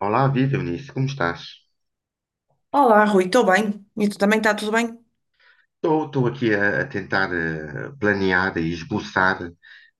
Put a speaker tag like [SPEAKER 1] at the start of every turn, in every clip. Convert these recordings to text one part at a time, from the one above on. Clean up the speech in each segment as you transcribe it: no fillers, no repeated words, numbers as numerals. [SPEAKER 1] Olá, viva Eunice, como estás?
[SPEAKER 2] Olá, Rui, estou bem. E tu também está tudo bem?
[SPEAKER 1] Estou aqui a tentar planear e esboçar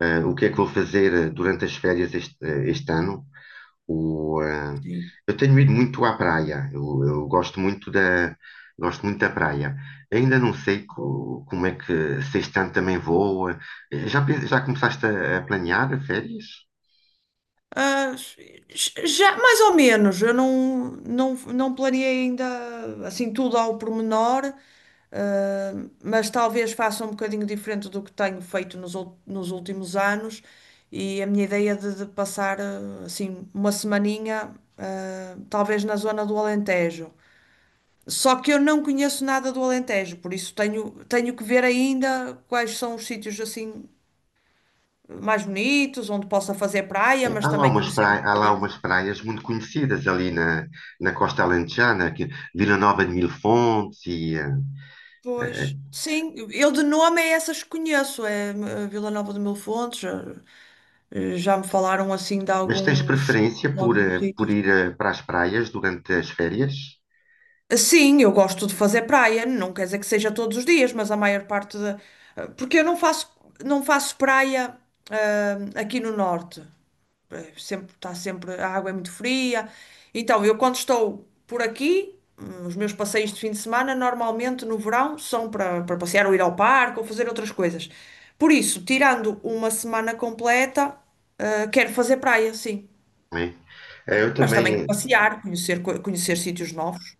[SPEAKER 1] o que é que vou fazer durante as férias este ano. O, eh,
[SPEAKER 2] Sim.
[SPEAKER 1] eu tenho ido muito à praia, eu gosto muito da praia. Ainda não sei como é que se este ano também vou. Já, já começaste a planear férias?
[SPEAKER 2] Já, mais ou menos, eu não planeei ainda assim tudo ao pormenor, ah, mas talvez faça um bocadinho diferente do que tenho feito nos últimos anos e a minha ideia de passar assim uma semaninha, talvez na zona do Alentejo. Só que eu não conheço nada do Alentejo, por isso tenho, tenho que ver ainda quais são os sítios assim mais bonitos, onde possa fazer praia,
[SPEAKER 1] É,
[SPEAKER 2] mas
[SPEAKER 1] Há lá
[SPEAKER 2] também
[SPEAKER 1] umas
[SPEAKER 2] conhecer um
[SPEAKER 1] praias, há lá
[SPEAKER 2] bocadinho.
[SPEAKER 1] umas praias muito conhecidas ali na, na Costa Alentejana, que Vila Nova de Mil Fontes e, eh,
[SPEAKER 2] Pois, sim, eu de nome é essas que conheço, é Vila Nova de Mil Fontes, já, já me falaram assim
[SPEAKER 1] mas tens preferência
[SPEAKER 2] de
[SPEAKER 1] por,
[SPEAKER 2] alguns
[SPEAKER 1] por
[SPEAKER 2] sítios.
[SPEAKER 1] ir para as praias durante as férias?
[SPEAKER 2] Sim, eu gosto de fazer praia, não quer dizer que seja todos os dias, mas a maior parte da. Porque eu não faço, não faço praia, aqui no norte. Sempre, está sempre, a água é muito fria. Então, eu quando estou por aqui, os meus passeios de fim de semana, normalmente no verão, são para, para passear ou ir ao parque ou fazer outras coisas. Por isso, tirando uma semana completa, quero fazer praia, sim.
[SPEAKER 1] Não é? Eu
[SPEAKER 2] Mas também
[SPEAKER 1] também,
[SPEAKER 2] passear, conhecer
[SPEAKER 1] eh,
[SPEAKER 2] sítios novos.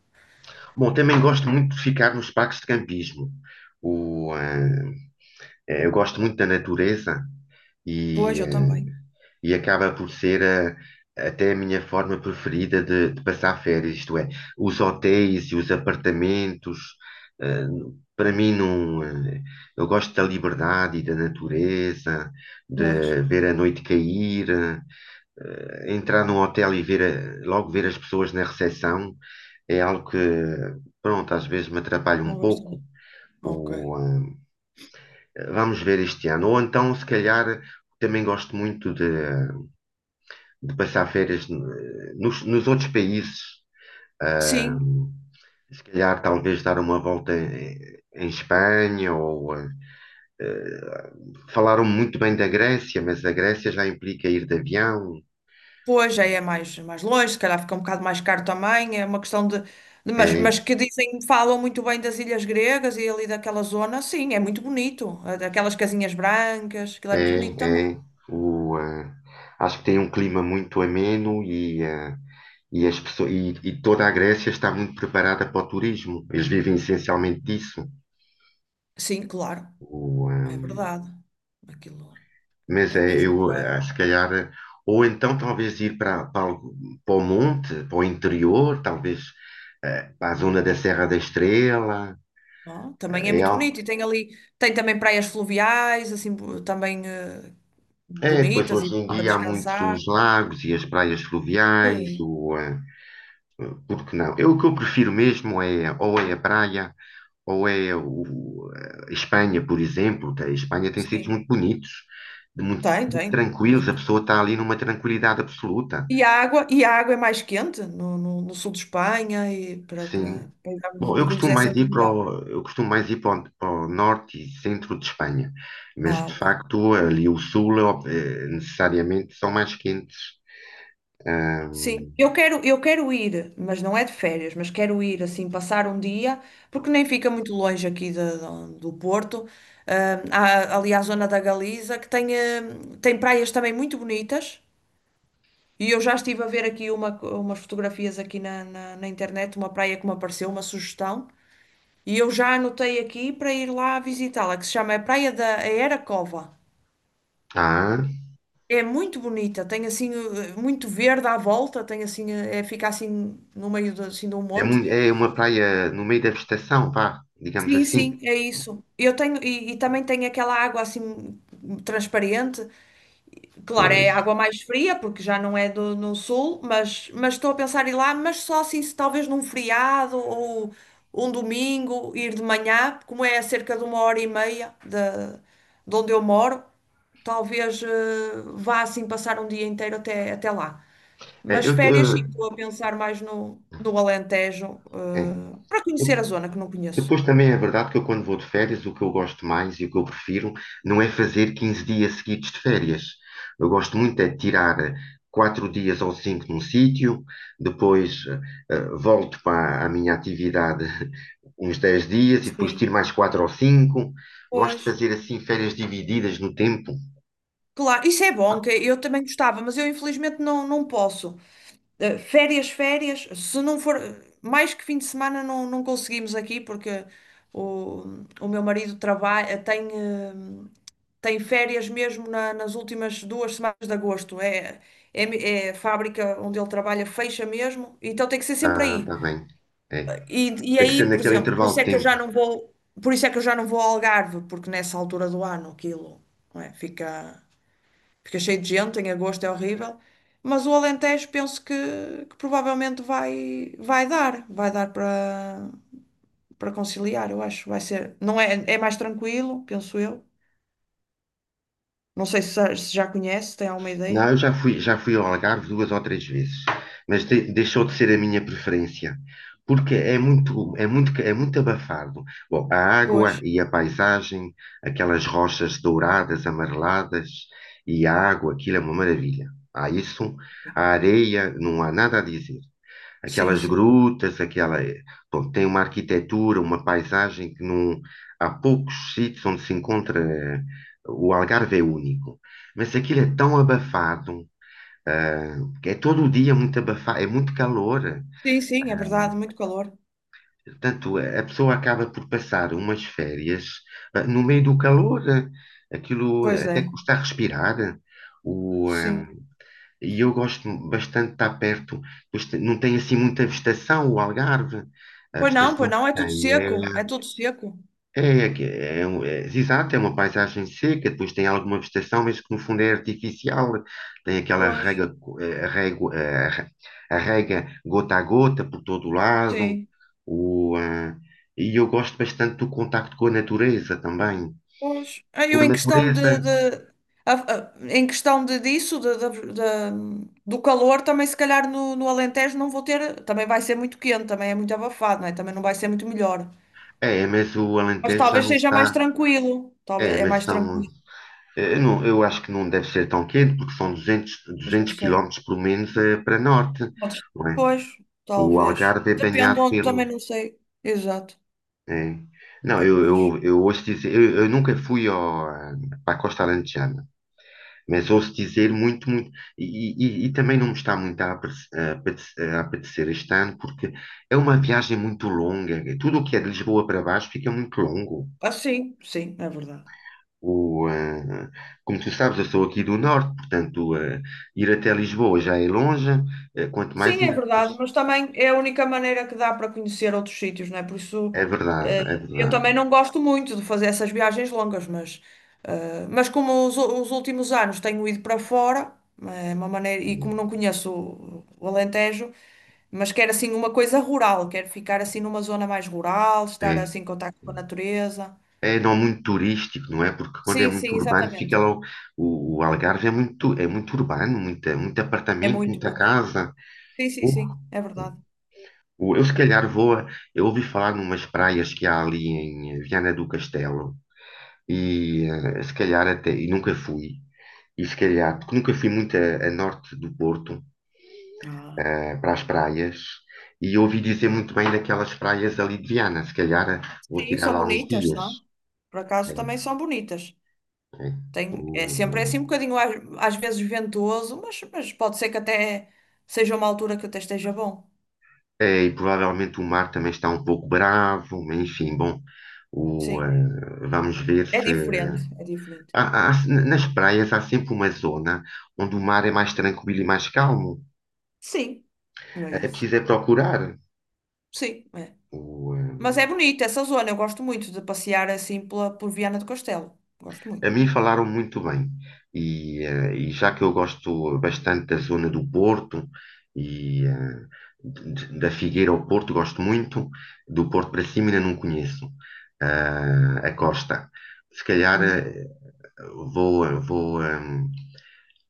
[SPEAKER 1] bom, também gosto muito de ficar nos parques de campismo. O, eh, eu gosto muito da natureza
[SPEAKER 2] Pois,
[SPEAKER 1] e,
[SPEAKER 2] eu
[SPEAKER 1] eh,
[SPEAKER 2] também.
[SPEAKER 1] e acaba por ser até a minha forma preferida de passar férias, isto é, os hotéis e os apartamentos, eh, para mim não, eu gosto da liberdade e da natureza,
[SPEAKER 2] Pois,
[SPEAKER 1] de ver a noite cair, entrar num hotel e ver logo ver as pessoas na recepção é algo que, pronto, às vezes me atrapalha
[SPEAKER 2] não
[SPEAKER 1] um
[SPEAKER 2] gosto também.
[SPEAKER 1] pouco.
[SPEAKER 2] Ok.
[SPEAKER 1] Ou, vamos ver este ano. Ou então, se calhar, também gosto muito de passar férias nos, nos outros países. ah,
[SPEAKER 2] Sim.
[SPEAKER 1] Se calhar, talvez dar uma volta em, em Espanha ou eh, falaram muito bem da Grécia, mas a Grécia já implica ir de avião.
[SPEAKER 2] Pois, aí é mais, mais longe, se calhar fica um bocado mais caro também, é uma questão
[SPEAKER 1] É,
[SPEAKER 2] mas que dizem, falam muito bem das ilhas gregas e ali daquela zona, sim, é muito bonito, é daquelas casinhas brancas, aquilo é muito bonito
[SPEAKER 1] é,
[SPEAKER 2] também.
[SPEAKER 1] é. O, eh, Acho que tem um clima muito ameno e, e as pessoas, e toda a Grécia está muito preparada para o turismo. Eles vivem essencialmente disso.
[SPEAKER 2] Sim, claro,
[SPEAKER 1] O,
[SPEAKER 2] é
[SPEAKER 1] eh,
[SPEAKER 2] verdade, aquilo
[SPEAKER 1] Mas
[SPEAKER 2] é
[SPEAKER 1] é,
[SPEAKER 2] mesmo
[SPEAKER 1] eu,
[SPEAKER 2] para...
[SPEAKER 1] se calhar, ou então talvez ir para, para, para o monte, para o interior, talvez para a zona da Serra da Estrela,
[SPEAKER 2] Não? Também é
[SPEAKER 1] é
[SPEAKER 2] muito
[SPEAKER 1] algo.
[SPEAKER 2] bonito e tem ali, tem também praias fluviais, assim, também
[SPEAKER 1] É, depois
[SPEAKER 2] bonitas e
[SPEAKER 1] hoje em
[SPEAKER 2] para
[SPEAKER 1] dia há muitos
[SPEAKER 2] descansar.
[SPEAKER 1] os lagos e as praias fluviais,
[SPEAKER 2] Sim,
[SPEAKER 1] por que não? Eu, o que eu prefiro mesmo é ou é a praia ou é o, Espanha, por exemplo. Que a Espanha tem sítios
[SPEAKER 2] sim,
[SPEAKER 1] muito bonitos, de muito,
[SPEAKER 2] tem,
[SPEAKER 1] muito
[SPEAKER 2] tem,
[SPEAKER 1] tranquilos, a
[SPEAKER 2] muito.
[SPEAKER 1] pessoa está ali numa tranquilidade absoluta.
[SPEAKER 2] E a água é mais quente no sul de Espanha e
[SPEAKER 1] Sim,
[SPEAKER 2] para dar uns
[SPEAKER 1] bom, eu
[SPEAKER 2] mergulhos
[SPEAKER 1] costumo
[SPEAKER 2] é
[SPEAKER 1] mais
[SPEAKER 2] sempre
[SPEAKER 1] ir para
[SPEAKER 2] melhor.
[SPEAKER 1] o, eu costumo mais ir para o, para o norte e centro de Espanha, mas
[SPEAKER 2] Ah,
[SPEAKER 1] de
[SPEAKER 2] ok.
[SPEAKER 1] facto ali o sul é necessariamente são mais quentes.
[SPEAKER 2] Sim,
[SPEAKER 1] Ahm,
[SPEAKER 2] eu quero ir, mas não é de férias, mas quero ir assim, passar um dia, porque nem fica muito longe do Porto. Ah, há ali a zona da Galiza, que tem, tem praias também muito bonitas. E eu já estive a ver aqui uma, umas fotografias aqui na internet, uma praia que me apareceu, uma sugestão. E eu já anotei aqui para ir lá visitá-la, que se chama a Praia da Aeracova.
[SPEAKER 1] ah,
[SPEAKER 2] É muito bonita, tem assim muito verde à volta, tem assim, é, fica assim no meio de, assim, de um
[SPEAKER 1] É,
[SPEAKER 2] monte.
[SPEAKER 1] é uma praia no meio da vegetação, vá, digamos
[SPEAKER 2] Sim,
[SPEAKER 1] assim.
[SPEAKER 2] sim, é isso. Eu tenho, e também tem aquela água assim transparente. Claro, é
[SPEAKER 1] Pois.
[SPEAKER 2] água mais fria, porque já não é do, no sul, mas estou a pensar em ir lá, mas só assim, se talvez num feriado ou um domingo, ir de manhã, como é a cerca de uma hora e meia de onde eu moro, talvez vá assim passar um dia inteiro até, até lá.
[SPEAKER 1] É,
[SPEAKER 2] Mas
[SPEAKER 1] eu,
[SPEAKER 2] férias, sim, estou a pensar mais no Alentejo,
[SPEAKER 1] eh,
[SPEAKER 2] para
[SPEAKER 1] é.
[SPEAKER 2] conhecer a zona que não conheço.
[SPEAKER 1] Depois também é verdade que eu, quando vou de férias, o que eu gosto mais e o que eu prefiro não é fazer 15 dias seguidos de férias. Eu gosto muito é de tirar quatro dias ou cinco num sítio, depois volto para a minha atividade uns 10 dias e depois
[SPEAKER 2] Sim,
[SPEAKER 1] tiro mais quatro ou cinco. Gosto de
[SPEAKER 2] pois.
[SPEAKER 1] fazer assim férias divididas no tempo.
[SPEAKER 2] Claro, isso é bom, que eu também gostava, mas eu infelizmente não, não posso. Eh, férias, férias, se não for mais que fim de semana não, não conseguimos aqui porque o, o meu marido trabalha, tem, tem férias mesmo nas últimas duas semanas de agosto. É, é, é a fábrica onde ele trabalha fecha mesmo, então tem que ser sempre
[SPEAKER 1] Ah,
[SPEAKER 2] aí.
[SPEAKER 1] está bem. É.
[SPEAKER 2] E
[SPEAKER 1] Tem que ser
[SPEAKER 2] aí, por
[SPEAKER 1] naquele
[SPEAKER 2] exemplo, por
[SPEAKER 1] intervalo
[SPEAKER 2] isso
[SPEAKER 1] de
[SPEAKER 2] é que eu já
[SPEAKER 1] tempo.
[SPEAKER 2] não vou, por isso é que eu já não vou ao Algarve, porque nessa altura do ano aquilo, não é, fica fica cheio de gente, em agosto é horrível. Mas o Alentejo penso que provavelmente vai, vai dar para conciliar, eu acho. Vai ser, não é, é mais tranquilo, penso eu. Não sei se, já se já conhece, se tem alguma ideia.
[SPEAKER 1] Não, eu já fui ao Algarve duas ou três vezes, mas deixou de ser a minha preferência, porque é muito, é muito, é muito abafado. Bom, a água
[SPEAKER 2] Pois,
[SPEAKER 1] e a paisagem, aquelas rochas douradas, amareladas, e a água, aquilo é uma maravilha. Há isso, a areia, não há nada a dizer.
[SPEAKER 2] sim,
[SPEAKER 1] Aquelas
[SPEAKER 2] sim.
[SPEAKER 1] grutas, aquela. Bom, tem uma arquitetura, uma paisagem que não. Há poucos sítios onde se encontra. O Algarve é único. Mas aquilo é tão abafado, ah, que é todo o dia muito abafado, é muito calor.
[SPEAKER 2] Sim, sim, é verdade, muito calor.
[SPEAKER 1] Portanto, a pessoa acaba por passar umas férias, no meio do calor. Aquilo
[SPEAKER 2] Pois é,
[SPEAKER 1] até custa a respirar. O, ah,
[SPEAKER 2] sim.
[SPEAKER 1] E eu gosto bastante de estar perto, pois não tem assim muita vegetação o Algarve. A
[SPEAKER 2] Pois
[SPEAKER 1] vegetação que
[SPEAKER 2] não, é tudo
[SPEAKER 1] tem é,
[SPEAKER 2] seco, é tudo seco.
[SPEAKER 1] é, é, exato, é uma paisagem seca, depois tem alguma vegetação, mas que no fundo é artificial. Tem aquela
[SPEAKER 2] Pois,
[SPEAKER 1] rega, a rega gota a gota por todo o lado.
[SPEAKER 2] sim.
[SPEAKER 1] O, ah, e eu gosto bastante do contacto com a natureza também.
[SPEAKER 2] Pois, aí eu
[SPEAKER 1] Com a
[SPEAKER 2] em questão
[SPEAKER 1] natureza,
[SPEAKER 2] em questão de, disso, do calor, também se calhar no Alentejo não vou ter, também vai ser muito quente, também é muito abafado, não é? Também não vai ser muito melhor.
[SPEAKER 1] é, mas o
[SPEAKER 2] Mas
[SPEAKER 1] Alentejo já
[SPEAKER 2] talvez
[SPEAKER 1] não
[SPEAKER 2] seja mais
[SPEAKER 1] está.
[SPEAKER 2] tranquilo, talvez
[SPEAKER 1] É,
[SPEAKER 2] é
[SPEAKER 1] mas
[SPEAKER 2] mais
[SPEAKER 1] são
[SPEAKER 2] tranquilo,
[SPEAKER 1] Não, eu acho que não deve ser tão quente, porque são 200,
[SPEAKER 2] mas não
[SPEAKER 1] 200
[SPEAKER 2] sei.
[SPEAKER 1] quilómetros, pelo menos, para norte,
[SPEAKER 2] Podes-
[SPEAKER 1] não é?
[SPEAKER 2] Pois,
[SPEAKER 1] O
[SPEAKER 2] talvez.
[SPEAKER 1] Algarve é
[SPEAKER 2] Depende
[SPEAKER 1] banhado
[SPEAKER 2] onde, também
[SPEAKER 1] pelo...
[SPEAKER 2] não sei. Exato.
[SPEAKER 1] é. Não,
[SPEAKER 2] Capaz.
[SPEAKER 1] eu ouço dizer... eu nunca fui ao, para a Costa Alentejana, mas ouço dizer muito, muito... E, e também não me está muito a apetecer este ano, porque é uma viagem muito longa. Tudo o que é de Lisboa para baixo fica muito longo.
[SPEAKER 2] Ah, sim, sim, é verdade.
[SPEAKER 1] O, eh, Como tu sabes, eu sou aqui do norte, portanto, ir até Lisboa já é longe, quanto mais
[SPEAKER 2] Sim, é
[SPEAKER 1] ainda depois.
[SPEAKER 2] verdade, mas também é a única maneira que dá para conhecer outros sítios, não é? Por isso,
[SPEAKER 1] É verdade,
[SPEAKER 2] eh,
[SPEAKER 1] é
[SPEAKER 2] eu
[SPEAKER 1] verdade.
[SPEAKER 2] também não gosto muito de fazer essas viagens longas, mas, mas como os últimos anos tenho ido para fora, é uma maneira, e como não conheço o Alentejo, mas quero assim uma coisa rural, quero ficar assim numa zona mais rural, estar
[SPEAKER 1] É,
[SPEAKER 2] assim em contacto com a natureza.
[SPEAKER 1] é não muito turístico, não é? Porque quando é
[SPEAKER 2] Sim,
[SPEAKER 1] muito
[SPEAKER 2] sim,
[SPEAKER 1] urbano, fica
[SPEAKER 2] exatamente.
[SPEAKER 1] lá o Algarve é muito urbano, muita, muito
[SPEAKER 2] É
[SPEAKER 1] apartamento,
[SPEAKER 2] muito,
[SPEAKER 1] muita
[SPEAKER 2] muito.
[SPEAKER 1] casa.
[SPEAKER 2] Sim, sim,
[SPEAKER 1] Uh,
[SPEAKER 2] sim, é verdade.
[SPEAKER 1] eu se calhar vou, eu ouvi falar numas praias que há ali em Viana do Castelo e se calhar até, e nunca fui. E se calhar,
[SPEAKER 2] Uhum.
[SPEAKER 1] porque nunca fui muito a norte do Porto,
[SPEAKER 2] Ah.
[SPEAKER 1] para as praias, e ouvi dizer muito bem daquelas praias ali de Viana. Se calhar vou
[SPEAKER 2] Sim,
[SPEAKER 1] tirar
[SPEAKER 2] são
[SPEAKER 1] lá uns
[SPEAKER 2] bonitas,
[SPEAKER 1] dias.
[SPEAKER 2] são. Por acaso
[SPEAKER 1] É,
[SPEAKER 2] também são bonitas.
[SPEAKER 1] é.
[SPEAKER 2] Tem, é
[SPEAKER 1] O-
[SPEAKER 2] sempre é assim um bocadinho às, às vezes ventoso, mas pode ser que até seja uma altura que até esteja bom.
[SPEAKER 1] é, é, e provavelmente o mar também está um pouco bravo, mas enfim, bom,
[SPEAKER 2] Sim,
[SPEAKER 1] vamos ver
[SPEAKER 2] é
[SPEAKER 1] se.
[SPEAKER 2] diferente, é diferente.
[SPEAKER 1] Há- nas praias há sempre uma zona onde o mar é mais tranquilo e mais calmo.
[SPEAKER 2] Sim, é
[SPEAKER 1] É
[SPEAKER 2] isso.
[SPEAKER 1] preciso é procurar.
[SPEAKER 2] Sim, é.
[SPEAKER 1] O, eh,
[SPEAKER 2] Mas é bonita essa zona, eu gosto muito de passear assim pela, por Viana do Castelo. Gosto
[SPEAKER 1] A
[SPEAKER 2] muito.
[SPEAKER 1] mim falaram muito bem. E já que eu gosto bastante da zona do Porto e da Figueira ao Porto, gosto muito. Do Porto para cima ainda não conheço a costa. Se calhar
[SPEAKER 2] Uhum.
[SPEAKER 1] vou, vou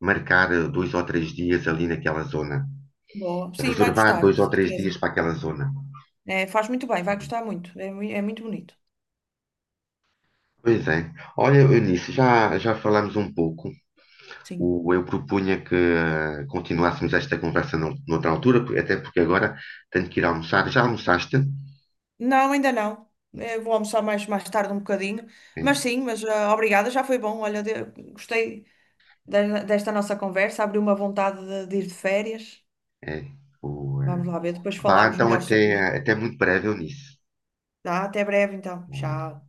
[SPEAKER 1] marcar dois ou três dias ali naquela zona.
[SPEAKER 2] Boa. Sim, vai
[SPEAKER 1] Reservar
[SPEAKER 2] gostar,
[SPEAKER 1] dois
[SPEAKER 2] de
[SPEAKER 1] ou três
[SPEAKER 2] certeza.
[SPEAKER 1] dias para aquela zona.
[SPEAKER 2] É, faz muito bem, vai gostar muito. É, é muito bonito.
[SPEAKER 1] Pois é. Olha, Eunice, já, já falámos um pouco.
[SPEAKER 2] Sim.
[SPEAKER 1] Eu propunha que continuássemos esta conversa noutra altura, porque- até porque agora tenho que ir almoçar. Já almoçaste?
[SPEAKER 2] Não, ainda não. Eh, vou almoçar mais, mais tarde um bocadinho.
[SPEAKER 1] É,
[SPEAKER 2] Mas sim, mas obrigada, já foi bom. Olha, gostei desta nossa conversa, abriu uma vontade de ir de férias.
[SPEAKER 1] é. É, O,
[SPEAKER 2] Vamos
[SPEAKER 1] eh,
[SPEAKER 2] lá ver, depois
[SPEAKER 1] Vá,
[SPEAKER 2] falamos
[SPEAKER 1] então,
[SPEAKER 2] melhor sobre isto.
[SPEAKER 1] até, até muito breve, Eunice.
[SPEAKER 2] Tá? Até breve então. Tchau.